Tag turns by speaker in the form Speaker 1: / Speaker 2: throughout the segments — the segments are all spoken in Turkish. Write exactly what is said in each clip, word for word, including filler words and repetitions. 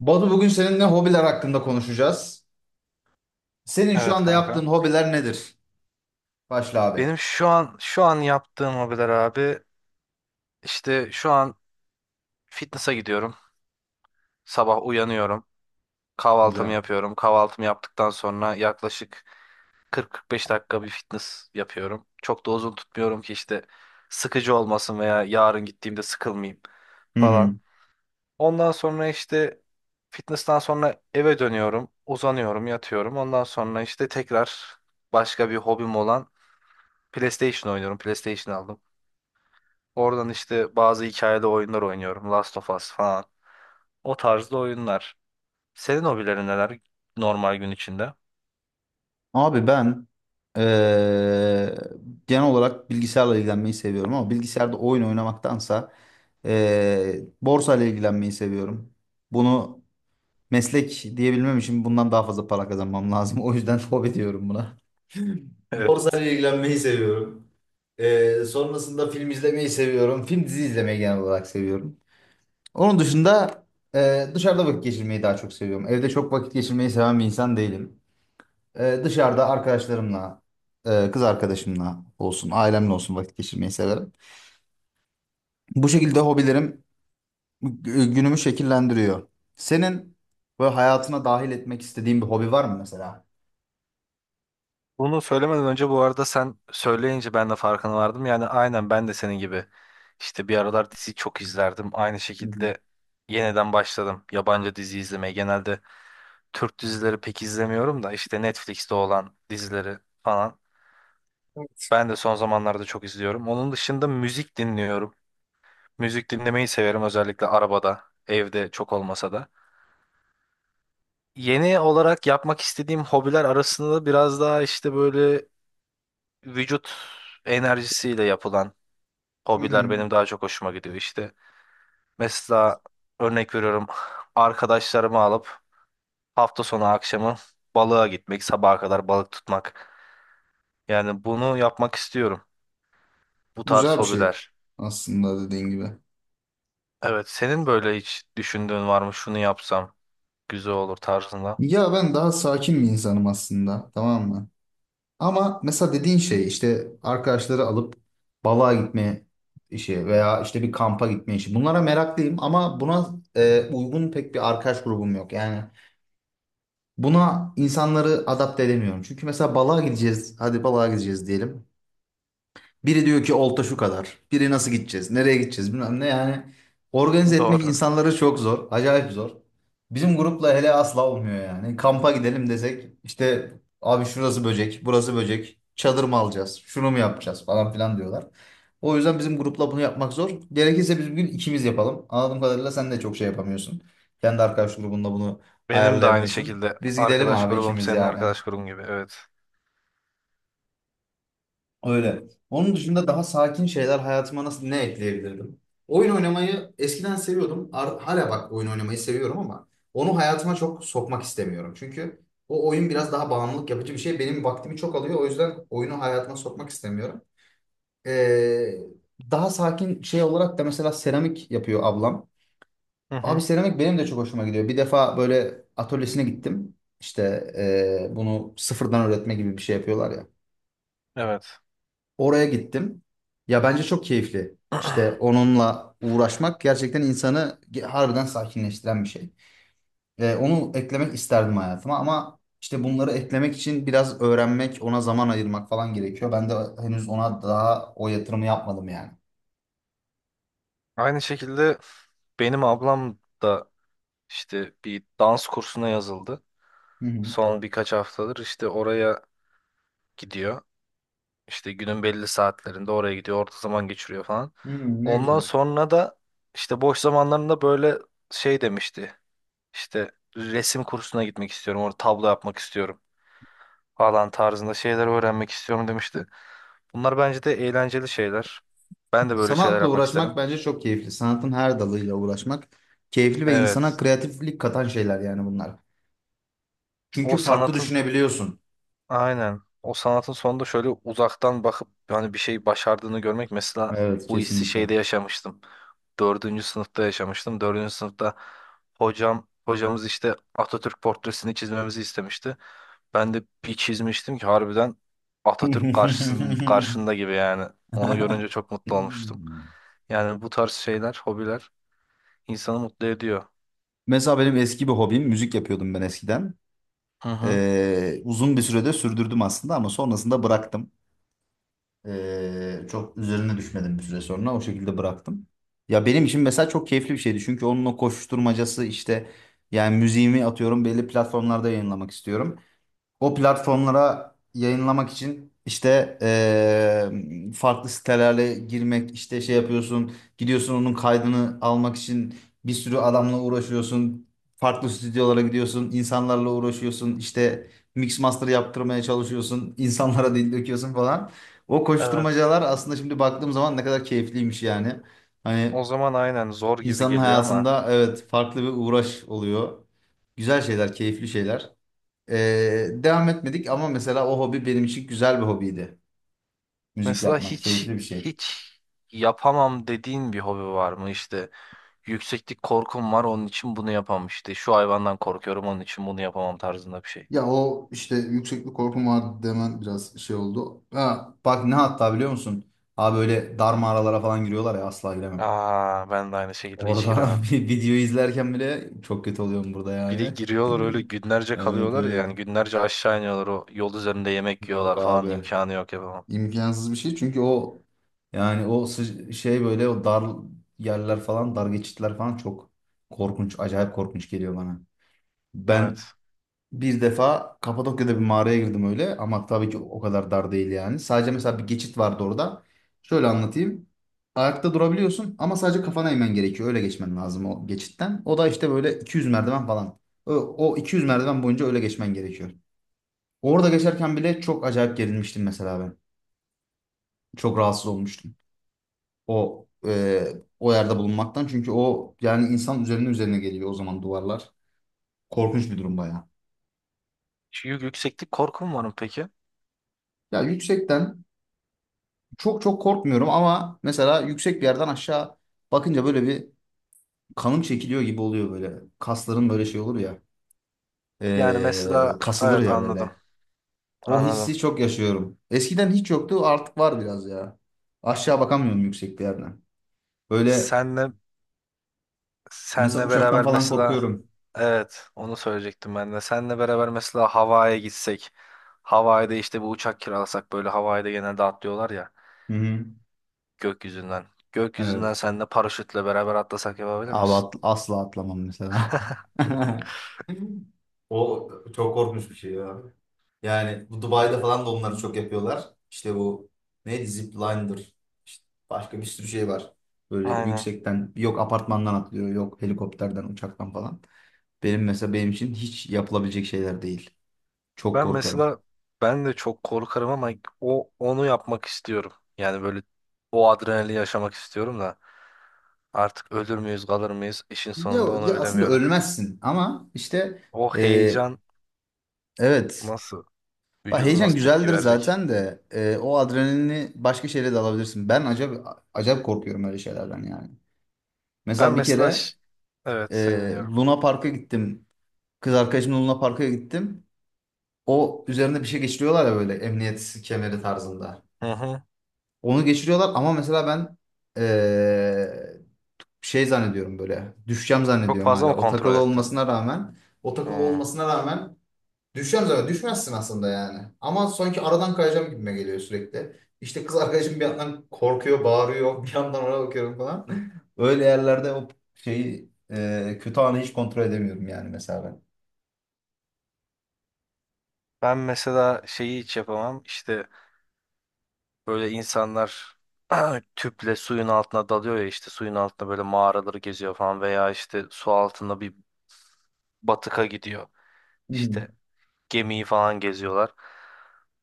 Speaker 1: Batu, bugün seninle hobiler hakkında konuşacağız. Senin şu
Speaker 2: Evet
Speaker 1: anda
Speaker 2: kanka.
Speaker 1: yaptığın hobiler nedir? Başla abi.
Speaker 2: Benim şu an şu an yaptığım hobiler abi işte şu an fitness'a gidiyorum. Sabah uyanıyorum. Kahvaltımı
Speaker 1: Güzel.
Speaker 2: yapıyorum. Kahvaltımı yaptıktan sonra yaklaşık kırk kırk beş dakika bir fitness yapıyorum. Çok da uzun tutmuyorum ki işte sıkıcı olmasın veya yarın gittiğimde sıkılmayayım
Speaker 1: Hı
Speaker 2: falan.
Speaker 1: hı.
Speaker 2: Ondan sonra işte fitness'tan sonra eve dönüyorum. Uzanıyorum, yatıyorum. Ondan sonra işte tekrar başka bir hobim olan PlayStation oynuyorum. PlayStation aldım. Oradan işte bazı hikayeli oyunlar oynuyorum. Last of Us falan. O tarzda oyunlar. Senin hobilerin neler normal gün içinde?
Speaker 1: Abi ben eee, genel olarak bilgisayarla ilgilenmeyi seviyorum ama bilgisayarda oyun oynamaktansa eee borsa ile ilgilenmeyi seviyorum. Bunu meslek diyebilmem için bundan daha fazla para kazanmam lazım. O yüzden hobi diyorum buna. Borsa
Speaker 2: Evet.
Speaker 1: ile ilgilenmeyi seviyorum. Eee, sonrasında film izlemeyi seviyorum. Film dizi izlemeyi genel olarak seviyorum. Onun dışında e, dışarıda vakit geçirmeyi daha çok seviyorum. Evde çok vakit geçirmeyi seven bir insan değilim. E, dışarıda arkadaşlarımla, e, kız arkadaşımla olsun, ailemle olsun vakit geçirmeyi severim. Bu şekilde hobilerim gü- günümü şekillendiriyor. Senin böyle hayatına dahil etmek istediğin bir hobi var mı mesela?
Speaker 2: Bunu söylemeden önce bu arada sen söyleyince ben de farkına vardım. Yani aynen ben de senin gibi işte bir aralar dizi çok izlerdim. Aynı
Speaker 1: Hı hı.
Speaker 2: şekilde yeniden başladım yabancı dizi izlemeye. Genelde Türk dizileri pek izlemiyorum da işte Netflix'te olan dizileri falan. Ben de son zamanlarda çok izliyorum. Onun dışında müzik dinliyorum. Müzik dinlemeyi severim özellikle arabada, evde çok olmasa da. Yeni olarak yapmak istediğim hobiler arasında biraz daha işte böyle vücut enerjisiyle yapılan
Speaker 1: Hı
Speaker 2: hobiler
Speaker 1: hı.
Speaker 2: benim daha çok hoşuma gidiyor. İşte. Mesela örnek veriyorum arkadaşlarımı alıp hafta sonu akşamı balığa gitmek, sabaha kadar balık tutmak. Yani bunu yapmak istiyorum. Bu tarz
Speaker 1: Güzel bir şey
Speaker 2: hobiler.
Speaker 1: aslında, dediğin gibi.
Speaker 2: Evet, senin böyle hiç düşündüğün var mı? Şunu yapsam güzel olur tarzında.
Speaker 1: Ya ben daha sakin bir insanım aslında, tamam mı? Ama mesela dediğin şey, işte arkadaşları alıp balığa gitme işi veya işte bir kampa gitme işi. Bunlara meraklıyım ama buna e, uygun pek bir arkadaş grubum yok. Yani buna insanları adapte edemiyorum. Çünkü mesela balığa gideceğiz. Hadi balığa gideceğiz diyelim. Biri diyor ki olta şu kadar. Biri nasıl gideceğiz? Nereye gideceğiz? Bilmem ne yani. Organize etmek
Speaker 2: Doğru.
Speaker 1: insanları çok zor. Acayip zor. Bizim grupla hele asla olmuyor yani. Kampa gidelim desek işte abi şurası böcek, burası böcek. Çadır mı alacağız? Şunu mu yapacağız falan filan diyorlar. O yüzden bizim grupla bunu yapmak zor. Gerekirse biz bugün ikimiz yapalım. Anladığım kadarıyla sen de çok şey yapamıyorsun. Kendi arkadaş grubunda bunu
Speaker 2: Benim de aynı
Speaker 1: ayarlayamıyorsun.
Speaker 2: şekilde
Speaker 1: Biz gidelim
Speaker 2: arkadaş
Speaker 1: abi
Speaker 2: grubum
Speaker 1: ikimiz
Speaker 2: senin
Speaker 1: yani.
Speaker 2: arkadaş grubun gibi. Evet.
Speaker 1: Öyle. Onun dışında daha sakin şeyler hayatıma nasıl, ne ekleyebilirdim? Oyun oynamayı eskiden seviyordum. Ar- hala bak, oyun oynamayı seviyorum ama onu hayatıma çok sokmak istemiyorum. Çünkü o oyun biraz daha bağımlılık yapıcı bir şey. Benim vaktimi çok alıyor. O yüzden oyunu hayatıma sokmak istemiyorum. Ee, Daha sakin şey olarak da mesela seramik yapıyor ablam.
Speaker 2: Hı
Speaker 1: Abi
Speaker 2: hı.
Speaker 1: seramik benim de çok hoşuma gidiyor. Bir defa böyle atölyesine gittim. İşte ee, bunu sıfırdan öğretme gibi bir şey yapıyorlar ya.
Speaker 2: Evet.
Speaker 1: Oraya gittim. Ya bence çok keyifli. İşte onunla uğraşmak gerçekten insanı ge- harbiden sakinleştiren bir şey. Ee, onu eklemek isterdim hayatıma ama işte bunları eklemek için biraz öğrenmek, ona zaman ayırmak falan gerekiyor. Ben de henüz ona daha o yatırımı yapmadım yani.
Speaker 2: Aynı şekilde benim ablam da işte bir dans kursuna yazıldı.
Speaker 1: Hı hı.
Speaker 2: Son birkaç haftadır işte oraya gidiyor. İşte günün belli saatlerinde oraya gidiyor. Orta zaman geçiriyor falan.
Speaker 1: Hı, ne
Speaker 2: Ondan
Speaker 1: güzel.
Speaker 2: sonra da işte boş zamanlarında böyle şey demişti. İşte resim kursuna gitmek istiyorum, orada tablo yapmak istiyorum falan tarzında şeyler öğrenmek istiyorum demişti. Bunlar bence de eğlenceli şeyler. Ben de böyle şeyler
Speaker 1: Sanatla
Speaker 2: yapmak
Speaker 1: uğraşmak
Speaker 2: isterim.
Speaker 1: bence çok keyifli. Sanatın her dalıyla uğraşmak keyifli ve insana
Speaker 2: Evet.
Speaker 1: kreatiflik katan şeyler yani bunlar.
Speaker 2: O
Speaker 1: Çünkü farklı
Speaker 2: sanatın
Speaker 1: düşünebiliyorsun.
Speaker 2: aynen. O sanatın sonunda şöyle uzaktan bakıp hani bir şey başardığını görmek mesela
Speaker 1: Evet,
Speaker 2: bu hissi
Speaker 1: kesinlikle.
Speaker 2: şeyde yaşamıştım. Dördüncü sınıfta yaşamıştım. Dördüncü sınıfta hocam hocamız işte Atatürk portresini çizmemizi istemişti. Ben de bir çizmiştim ki harbiden Atatürk karşısın, karşında gibi yani. Onu görünce çok mutlu olmuştum. Yani bu tarz şeyler, hobiler insanı mutlu ediyor.
Speaker 1: Mesela benim eski bir hobim, müzik yapıyordum ben eskiden.
Speaker 2: Hı hı.
Speaker 1: Ee, uzun bir sürede sürdürdüm aslında ama sonrasında bıraktım. Ee, çok üzerine düşmedim, bir süre sonra o şekilde bıraktım. Ya benim için mesela çok keyifli bir şeydi çünkü onun o koşuşturmacası, işte yani müziğimi atıyorum belli platformlarda yayınlamak istiyorum. O platformlara yayınlamak için işte eee, farklı sitelerle girmek, işte şey yapıyorsun, gidiyorsun onun kaydını almak için bir sürü adamla uğraşıyorsun, farklı stüdyolara gidiyorsun, insanlarla uğraşıyorsun, işte mix master yaptırmaya çalışıyorsun, insanlara dil döküyorsun falan. O
Speaker 2: Evet.
Speaker 1: koşturmacalar aslında şimdi baktığım zaman ne kadar keyifliymiş yani. Hani
Speaker 2: O zaman aynen zor gibi
Speaker 1: insanın
Speaker 2: geliyor ama
Speaker 1: hayatında evet farklı bir uğraş oluyor. Güzel şeyler, keyifli şeyler. Ee, devam etmedik ama mesela o hobi benim için güzel bir hobiydi. Müzik
Speaker 2: mesela
Speaker 1: yapmak
Speaker 2: hiç
Speaker 1: keyifli bir şey.
Speaker 2: hiç yapamam dediğin bir hobi var mı? İşte yükseklik korkum var onun için bunu yapamam. İşte şu hayvandan korkuyorum onun için bunu yapamam tarzında bir şey.
Speaker 1: Ya o işte yükseklik korkum vardı demen biraz şey oldu. Ha, bak ne, hatta biliyor musun? Abi böyle dar mağaralara falan giriyorlar ya, asla giremem.
Speaker 2: Aa ben de aynı şekilde hiç
Speaker 1: Orada
Speaker 2: giremem.
Speaker 1: bir video izlerken bile çok kötü oluyorum burada
Speaker 2: Bir de
Speaker 1: yani.
Speaker 2: giriyorlar öyle günlerce
Speaker 1: Evet,
Speaker 2: kalıyorlar ya
Speaker 1: evet.
Speaker 2: yani günlerce aşağı iniyorlar o yol üzerinde yemek
Speaker 1: Yok
Speaker 2: yiyorlar falan
Speaker 1: abi.
Speaker 2: imkanı yok yapamam.
Speaker 1: İmkansız bir şey çünkü o yani o sı- şey böyle o dar yerler falan, dar geçitler falan çok korkunç, acayip korkunç geliyor bana. Ben
Speaker 2: Evet.
Speaker 1: bir defa Kapadokya'da bir mağaraya girdim öyle, ama tabii ki o kadar dar değil yani. Sadece mesela bir geçit vardı orada. Şöyle anlatayım. Ayakta durabiliyorsun ama sadece kafana eğmen gerekiyor. Öyle geçmen lazım o geçitten. O da işte böyle iki yüz merdiven falan. O, o iki yüz merdiven boyunca öyle geçmen gerekiyor. Orada geçerken bile çok acayip gerilmiştim mesela ben. Çok rahatsız olmuştum. O e, o yerde bulunmaktan. Çünkü o yani insan üzerine üzerine geliyor o zaman duvarlar. Korkunç bir durum bayağı.
Speaker 2: Şu yük- yükseklik korkum var mı peki?
Speaker 1: Ya yüksekten çok çok korkmuyorum ama mesela yüksek bir yerden aşağı bakınca böyle bir kanım çekiliyor gibi oluyor böyle. Kasların böyle şey olur ya.
Speaker 2: Yani
Speaker 1: Ee,
Speaker 2: mesela
Speaker 1: kasılır
Speaker 2: evet
Speaker 1: ya
Speaker 2: anladım
Speaker 1: böyle. O
Speaker 2: anladım.
Speaker 1: hissi çok yaşıyorum. Eskiden hiç yoktu, artık var biraz ya. Aşağı bakamıyorum yüksek bir yerden. Böyle
Speaker 2: Senle
Speaker 1: mesela
Speaker 2: senle
Speaker 1: uçaktan
Speaker 2: beraber
Speaker 1: falan
Speaker 2: mesela
Speaker 1: korkuyorum.
Speaker 2: evet onu söyleyecektim ben de. Senle beraber mesela Hawaii'ye gitsek. Hawaii'de işte bu uçak kiralasak böyle Hawaii'de genelde atlıyorlar ya
Speaker 1: Hı hı.
Speaker 2: gökyüzünden. Gökyüzünden
Speaker 1: Evet.
Speaker 2: senle paraşütle beraber atlasak yapabilir
Speaker 1: Abi
Speaker 2: misin?
Speaker 1: at- asla atlamam mesela. O çok korkunç bir şey ya. Yani bu Dubai'de falan da onları çok yapıyorlar. İşte bu neydi, zipline'dır. İşte başka bir sürü şey var. Böyle
Speaker 2: Aynen.
Speaker 1: yüksekten, yok apartmandan atlıyor, yok helikopterden, uçaktan falan. Benim mesela, benim için hiç yapılabilecek şeyler değil. Çok
Speaker 2: Ben
Speaker 1: korkarım.
Speaker 2: mesela ben de çok korkarım ama o onu yapmak istiyorum. Yani böyle o adrenalini yaşamak istiyorum da artık ölür müyüz kalır mıyız işin
Speaker 1: Ya,
Speaker 2: sonunda
Speaker 1: ya
Speaker 2: onu
Speaker 1: aslında
Speaker 2: bilemiyorum.
Speaker 1: ölmezsin ama işte
Speaker 2: O
Speaker 1: e,
Speaker 2: heyecan
Speaker 1: evet.
Speaker 2: nasıl
Speaker 1: Bak
Speaker 2: vücudum
Speaker 1: heyecan
Speaker 2: nasıl tepki
Speaker 1: güzeldir
Speaker 2: verecek?
Speaker 1: zaten de e, o adrenalini başka şeyle de alabilirsin. Ben acayip, acayip korkuyorum öyle şeylerden yani.
Speaker 2: Ben
Speaker 1: Mesela bir
Speaker 2: mesela
Speaker 1: kere
Speaker 2: ş- evet seni
Speaker 1: e,
Speaker 2: dinliyorum.
Speaker 1: Luna Park'a gittim. Kız arkadaşımla Luna Park'a gittim. O üzerinde bir şey geçiriyorlar ya böyle emniyet kemeri tarzında.
Speaker 2: Hı hı.
Speaker 1: Onu geçiriyorlar ama mesela ben e, şey zannediyorum, böyle düşeceğim
Speaker 2: Çok
Speaker 1: zannediyorum
Speaker 2: fazla
Speaker 1: hala.
Speaker 2: mı
Speaker 1: O
Speaker 2: kontrol
Speaker 1: takılı
Speaker 2: ettin?
Speaker 1: olmasına rağmen, o takılı
Speaker 2: Hı.
Speaker 1: olmasına rağmen düşeceğim zaten. Düşmezsin aslında yani. Ama sanki aradan kayacağım gibime geliyor sürekli. İşte kız arkadaşım bir yandan korkuyor, bağırıyor. Bir yandan ona bakıyorum falan. Öyle yerlerde o şeyi, e, kötü anı hiç kontrol edemiyorum yani mesela ben.
Speaker 2: Ben mesela şeyi hiç yapamam. İşte böyle insanlar tüple suyun altına dalıyor ya işte suyun altında böyle mağaraları geziyor falan veya işte su altında bir batıka gidiyor.
Speaker 1: Hmm.
Speaker 2: İşte gemiyi falan geziyorlar.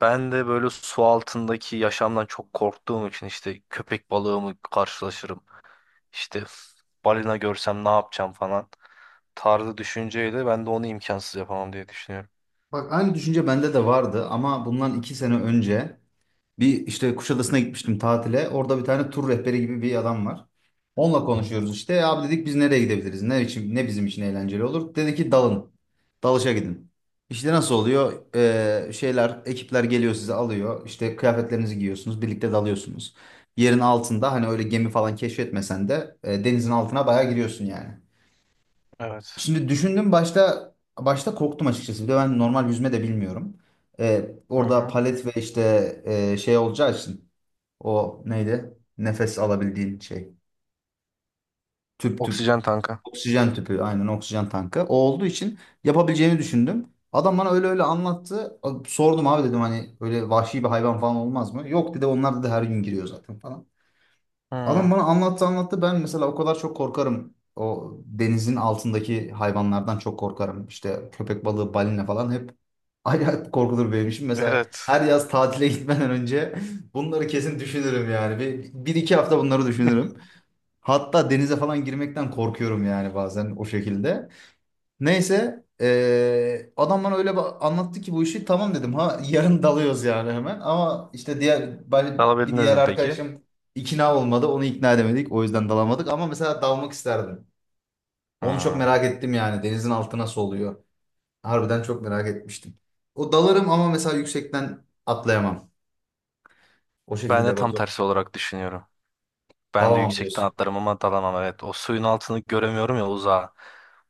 Speaker 2: Ben de böyle su altındaki yaşamdan çok korktuğum için işte köpek balığı mı karşılaşırım. İşte balina görsem ne yapacağım falan tarzı düşünceyle ben de onu imkansız yapamam diye düşünüyorum.
Speaker 1: Bak aynı düşünce bende de vardı ama bundan iki sene önce bir işte Kuşadası'na gitmiştim tatile. Orada bir tane tur rehberi gibi bir adam var. Onunla konuşuyoruz işte. "E abi," dedik, "biz nereye gidebiliriz? Ne için, ne bizim için eğlenceli olur?" Dedi ki, "Dalın. Dalışa gidin. İşte nasıl oluyor? Ee, şeyler, ekipler geliyor, sizi alıyor. İşte kıyafetlerinizi giyiyorsunuz. Birlikte dalıyorsunuz. Yerin altında hani öyle gemi falan keşfetmesen de e, denizin altına bayağı giriyorsun yani."
Speaker 2: Evet.
Speaker 1: Şimdi düşündüm, başta başta korktum açıkçası. Bir de ben normal yüzme de bilmiyorum. Ee,
Speaker 2: Hı
Speaker 1: orada
Speaker 2: hı.
Speaker 1: palet ve işte e, şey olacağı için, o neydi, nefes alabildiğin şey. Tüp tüp.
Speaker 2: Oksijen tanka.
Speaker 1: Oksijen tüpü. Aynen, oksijen tankı. O olduğu için yapabileceğini düşündüm. Adam bana öyle öyle anlattı. Sordum, abi dedim hani öyle vahşi bir hayvan falan olmaz mı? Yok dedi, onlar dedi her gün giriyor zaten falan. Adam
Speaker 2: Hı.
Speaker 1: bana anlattı anlattı. Ben mesela o kadar çok korkarım. O denizin altındaki hayvanlardan çok korkarım. İşte köpek balığı, balina falan hep acayip korkulur benim için. Mesela
Speaker 2: Evet.
Speaker 1: her yaz tatile gitmeden önce bunları kesin düşünürüm yani. Bir, bir iki hafta bunları düşünürüm. Hatta denize falan girmekten korkuyorum yani bazen o şekilde. Neyse eee adam bana öyle ba- anlattı ki bu işi, tamam dedim. Ha yarın dalıyoruz yani hemen. Ama işte diğer ben- bir
Speaker 2: Alabildiniz
Speaker 1: diğer
Speaker 2: mi peki?
Speaker 1: arkadaşım ikna olmadı. Onu ikna edemedik. O yüzden dalamadık. Ama mesela dalmak isterdim. Onu çok
Speaker 2: Hı.
Speaker 1: merak ettim yani. Denizin altı nasıl oluyor? Harbiden çok merak etmiştim. O dalarım ama mesela yüksekten atlayamam. O
Speaker 2: Ben de
Speaker 1: şekilde
Speaker 2: tam
Speaker 1: Batu.
Speaker 2: tersi olarak düşünüyorum. Ben de
Speaker 1: Dalamam
Speaker 2: yüksekten
Speaker 1: diyorsun.
Speaker 2: atlarım ama dalamam evet. O suyun altını göremiyorum ya uzağa.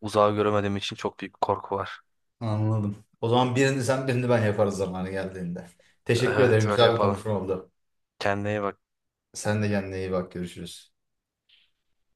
Speaker 2: Uzağı göremediğim için çok büyük korku var.
Speaker 1: Anladım. O zaman birini sen, birini ben yaparız zamanı geldiğinde. Teşekkür ederim.
Speaker 2: Evet öyle
Speaker 1: Güzel bir
Speaker 2: yapalım.
Speaker 1: konuşma oldu.
Speaker 2: Kendine iyi bak.
Speaker 1: Sen de kendine iyi bak. Görüşürüz.